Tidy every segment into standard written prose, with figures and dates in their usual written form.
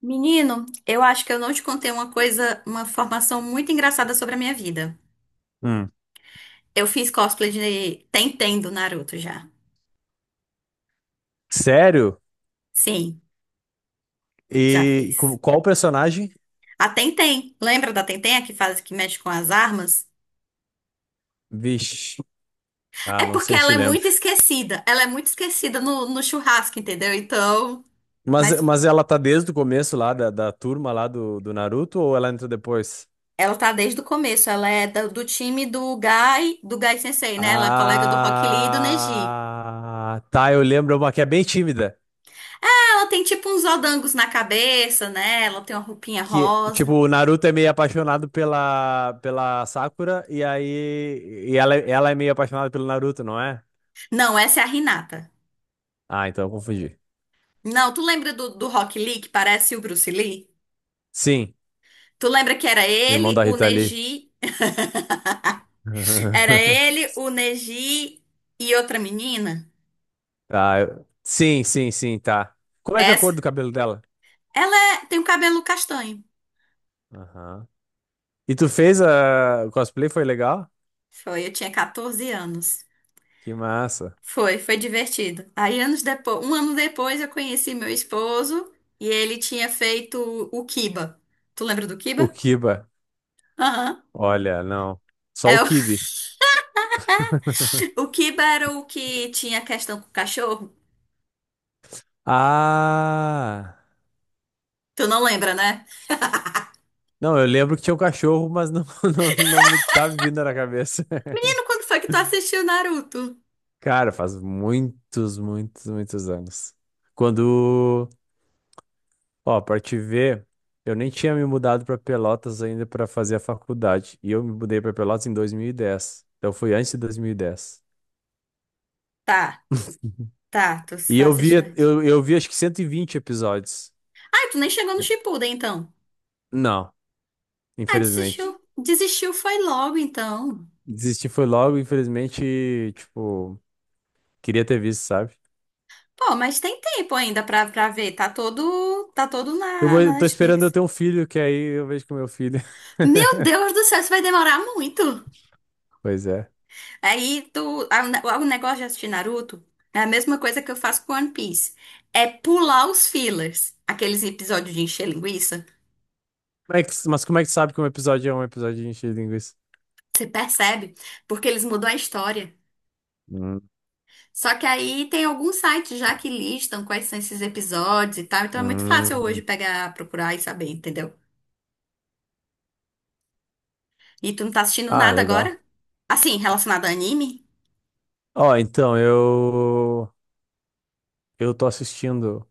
Menino, eu acho que eu não te contei uma coisa, uma formação muito engraçada sobre a minha vida. Hum. Eu fiz cosplay de Tenten do Naruto já. Sério? Sim, já E fiz. qual o personagem? A Tenten, lembra da Tenten, a que faz, que mexe com as armas? Vixe. Ah, É não porque sei ela se é lembro. muito esquecida. Ela é muito esquecida no churrasco, entendeu? Então, Mas, mas mas ela tá desde o começo lá da turma lá do Naruto ou ela entra depois? ela tá desde o começo. Ela é do time do Gai Sensei, né? Ela é colega do Rock Lee e do Neji. Ah, tá, eu lembro uma que é bem tímida. Ela tem tipo uns odangos na cabeça, né? Ela tem uma roupinha Que, tipo, rosa. o Naruto é meio apaixonado pela Sakura e aí e ela é meio apaixonada pelo Naruto, não é? Não, essa é a Renata. Ah, então eu confundi. Não, tu lembra do Rock Lee, que parece o Bruce Lee? Sim, Tu lembra que era irmão ele, da o Rita Lee. Neji, era ele, o Neji e outra menina? Ah, sim, sim, sim, tá. Como é que é a cor Essa, do cabelo dela? Tem o cabelo castanho. Aham. E tu fez a o cosplay, foi legal? Foi, eu tinha 14 anos. Que massa. Foi, foi divertido. Aí anos depois, um ano depois eu conheci meu esposo e ele tinha feito o Kiba. Tu lembra do O Kiba? Kiba. Aham. Olha, não. Só o É, o, Kibe. o Kiba era o que tinha questão com o cachorro. Ah! Tu não lembra, né? Não, eu lembro que tinha um cachorro, mas não, não, não me tá me vindo na cabeça. Quando foi que tu assistiu Naruto? Cara, faz muitos, muitos, muitos anos. Quando. Ó, pra te ver, eu nem tinha me mudado pra Pelotas ainda pra fazer a faculdade. E eu me mudei pra Pelotas em 2010. Então foi antes de dois mil e dez Tá, tá, tu e tá eu vi assistindo. eu, eu vi acho que 120 episódios. Ah, tu nem chegou no Shippuden, então. Não, Ah, infelizmente. desistiu. Desistiu foi logo, então. Desisti foi logo, infelizmente, tipo, queria ter visto, sabe? Pô, mas tem tempo ainda pra ver. Tá todo Eu na, vou, na eu tô esperando eu Netflix. ter um filho, que aí eu vejo com meu filho. Meu Deus do céu, isso vai demorar muito. Pois é. Aí, tu, o negócio de assistir Naruto é a mesma coisa que eu faço com One Piece. É pular os fillers. Aqueles episódios de encher linguiça. Mas como é que tu sabe que um episódio é um episódio de encher de linguiça? Você percebe? Porque eles mudam a história. Hum, Só que aí tem alguns sites já que listam quais são esses episódios e tal, então é muito fácil hoje hum. pegar, procurar e saber, entendeu? E tu não tá assistindo Ah, nada legal. agora? Assim, relacionado a anime? Ó, então, eu. Eu tô assistindo,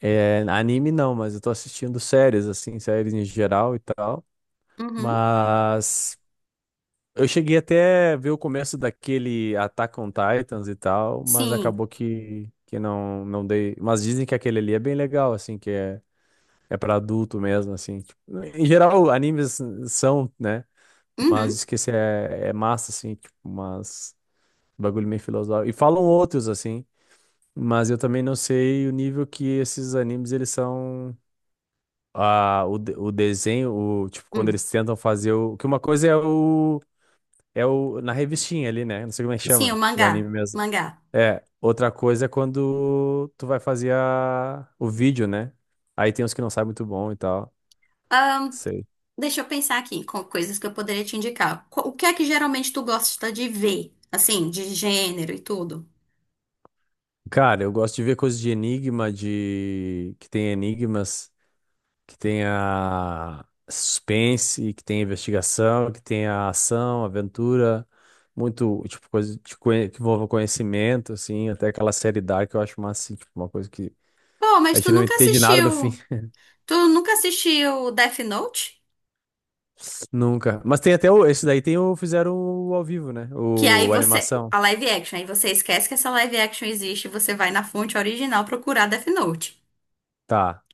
é, anime não, mas eu tô assistindo séries, assim, séries em geral e tal. Uhum. Mas eu cheguei até ver o começo daquele Attack on Titans e tal, mas Sim. acabou que não, não dei. Mas dizem que aquele ali é bem legal, assim, que é pra adulto mesmo, assim. Tipo, em geral, animes são, né? Mas Uhum. diz que esse é massa, assim, tipo, mas bagulho meio filosófico. E falam outros, assim. Mas eu também não sei o nível que esses animes eles são a, o, de- o desenho, o, tipo, quando Hum. eles tentam fazer o. Que uma coisa é o. É o. Na revistinha ali, né? Não sei como é que Sim, o chama. O mangá. anime mesmo. Mangá. É. Outra coisa é quando tu vai fazer o vídeo, né? Aí tem uns que não sabem muito bom e tal. Ahn, Sei. Deixa eu pensar aqui com coisas que eu poderia te indicar. O que é que geralmente tu gosta de ver? Assim, de gênero e tudo? Cara, eu gosto de ver coisas de enigma, de. Que tem enigmas. Que tenha suspense, que tenha investigação, que tenha ação, aventura, muito, tipo, coisa de que envolva conhecimento, assim, até aquela série Dark que eu acho massa, assim, tipo, uma coisa que Pô, mas a tu gente não nunca entende nada no fim, assistiu. Tu nunca assistiu Death Note? nunca. Mas tem até o, esse daí tem o, fizeram o ao vivo, né? Que aí O a você. animação. A live action, aí você esquece que essa live action existe e você vai na fonte original procurar Death Note. Tá.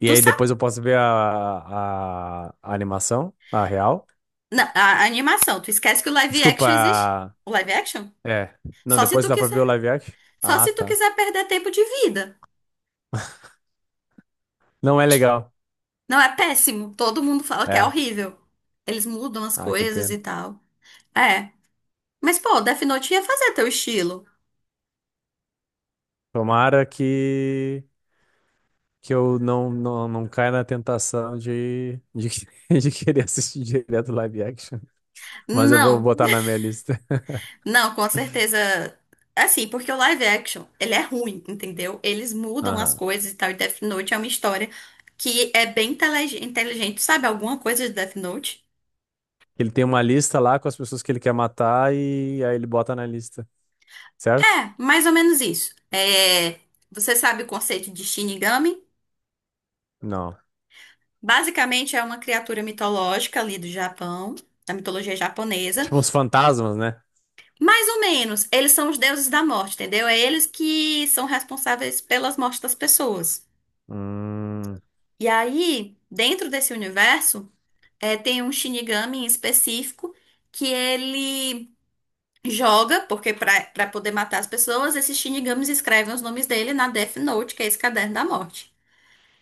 E Tu aí sabe? depois eu posso ver a animação, a real. A animação, tu esquece que o live Desculpa, action existe? O live action? é. Não, Só se depois tu dá pra ver quiser. o live action. Só Ah, se tu tá. quiser perder tempo de vida. Não é legal. Não é péssimo. Todo mundo fala que é É. horrível. Eles mudam as Ah, que coisas pena. e tal. É. Mas, pô, Death Note ia fazer teu estilo. Tomara que eu não, não, não caia na tentação de querer assistir direto live action. Mas eu vou Não. botar na minha lista. Não, com certeza. Assim, porque o live action, ele é ruim, entendeu? Eles mudam as Aham. coisas e tal. E Death Note é uma história que é inteligente. Sabe alguma coisa de Death Note? Ele tem uma lista lá com as pessoas que ele quer matar e aí ele bota na lista, certo? É, mais ou menos isso. É, você sabe o conceito de Shinigami? Não. Basicamente é uma criatura mitológica ali do Japão, da mitologia japonesa. Tipo uns fantasmas, né? Mais ou menos, eles são os deuses da morte, entendeu? É eles que são responsáveis pelas mortes das pessoas. Hum, E aí, dentro desse universo. É, tem um Shinigami em específico que ele joga, porque pra poder matar as pessoas, esses Shinigamis escrevem os nomes dele na Death Note, que é esse caderno da morte.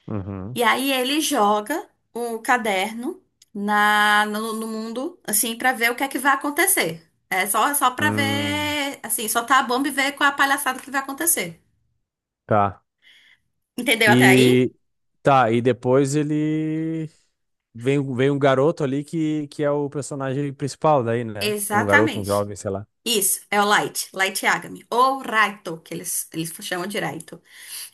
uhum, E aí ele joga o caderno na no, no mundo, assim, pra ver o que é que vai acontecer. É só para hum, ver, assim, soltar a bomba e ver qual é a palhaçada que vai acontecer. tá. Entendeu até aí? E tá, e depois ele vem um garoto ali que é o personagem principal daí, né? Um garoto, um Exatamente. jovem, sei lá. Isso, é o Light, Light Yagami. Ou Raito, que eles chamam de Raito.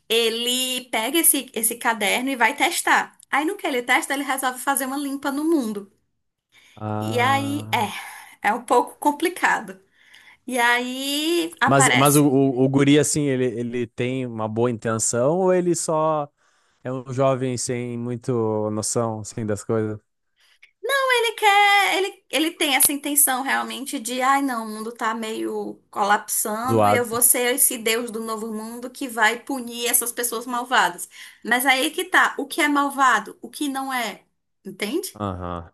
Ele pega esse caderno e vai testar. Aí no que ele testa, ele resolve fazer uma limpa no mundo. E aí, Ah. é, é um pouco complicado. E aí Mas o, aparece. o guri, assim, ele tem uma boa intenção ou ele só é um jovem sem muito noção, assim, das coisas? Então ele quer, ele tem essa intenção realmente de, ai não, o mundo tá meio colapsando e eu Zoado. vou ser esse Deus do novo mundo que vai punir essas pessoas malvadas. Mas aí que tá, o que é malvado, o que não é, entende? Aham,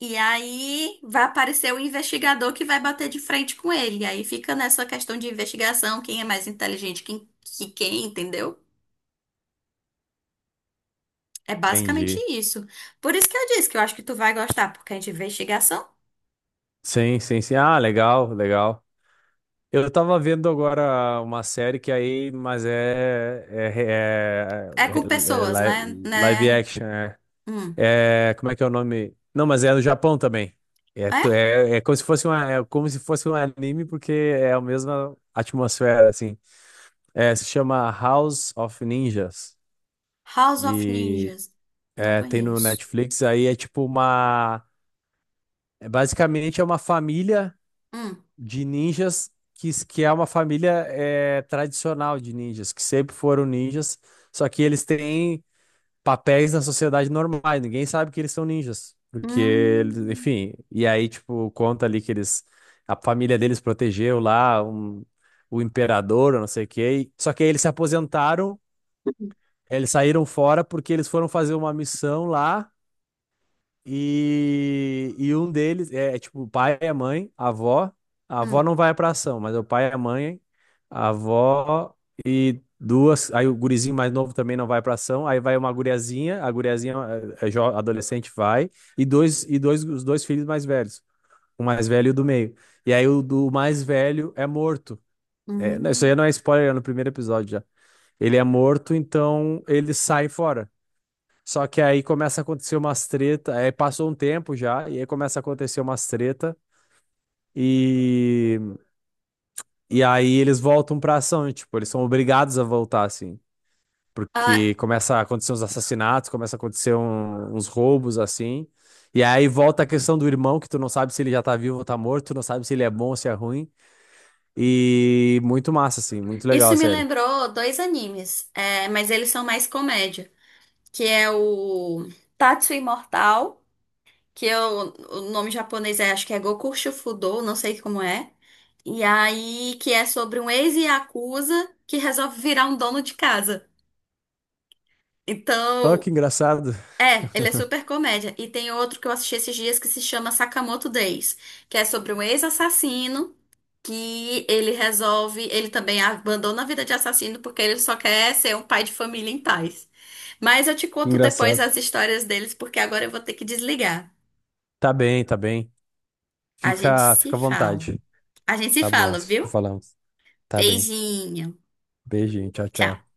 E aí vai aparecer o investigador que vai bater de frente com ele. E aí fica nessa questão de investigação, quem é mais inteligente quem, que quem, entendeu? É basicamente entendi. isso. Por isso que eu disse que eu acho que tu vai gostar, porque é de investigação. Sim, sim, sim. Ah, legal, legal. Eu tava vendo agora uma série que é aí, mas é, é, É é- com pessoas, é né? li- live né? action, é. Hum. É, como é que é o nome? Não, mas é do Japão também. É, É? É como se fosse uma, é como se fosse um anime, porque é a mesma atmosfera, assim. É, se chama House of Ninjas. House of E Ninjas. Não é, tem no conheço. Netflix, aí é tipo uma... É basicamente é uma família Hum. de ninjas que é uma família é, tradicional de ninjas, que sempre foram ninjas, só que eles têm papéis na sociedade normais. Ninguém sabe que eles são ninjas. Porque, Hum. enfim, e aí, tipo, conta ali que eles, a família deles protegeu lá o imperador, eu não sei o quê. Só que aí eles se aposentaram, eles saíram fora porque eles foram fazer uma missão lá. E um deles é tipo o pai e a mãe, a avó. A avó Hum. não vai pra ação, mas é o pai e a mãe, a avó e duas. Aí o gurizinho mais novo também não vai pra ação. Aí vai uma guriazinha, a guriazinha é adolescente vai, e dois, os dois filhos mais velhos, o mais velho e o do meio. E aí o do mais velho é morto. É, não, isso Hum. aí não é spoiler, é no primeiro episódio já. Ele é morto, então ele sai fora. Só que aí começa a acontecer umas treta, aí passou um tempo já, e aí começa a acontecer umas treta, e, e aí eles voltam pra ação, e, tipo, eles são obrigados a voltar, assim, Ah, porque começa a acontecer uns assassinatos, começa a acontecer uns roubos, assim, e aí volta a questão do irmão, que tu não sabe se ele já tá vivo ou tá morto, tu não sabe se ele é bom ou se é ruim, e muito massa, assim, muito legal a isso me série. lembrou dois animes, é, mas eles são mais comédia, que é o Tatsu Imortal. Que eu, o nome japonês é, acho que é Goku Shufudo, não sei como é. E aí, que é sobre um ex-yakuza que resolve virar um dono de casa. Oh, Então, que engraçado, é, ele é super comédia. E tem outro que eu assisti esses dias que se chama Sakamoto Days, que é sobre um ex-assassino que ele resolve, ele também abandona a vida de assassino porque ele só quer ser um pai de família em paz. Mas eu te que conto depois engraçado. as histórias deles, porque agora eu vou ter que desligar. Tá bem, A gente fica, se fica à fala. vontade, A gente se tá bom, fala, se viu? falamos. Tá bem. Beijinho. Beijinho. Tchau, Tchau. tchau.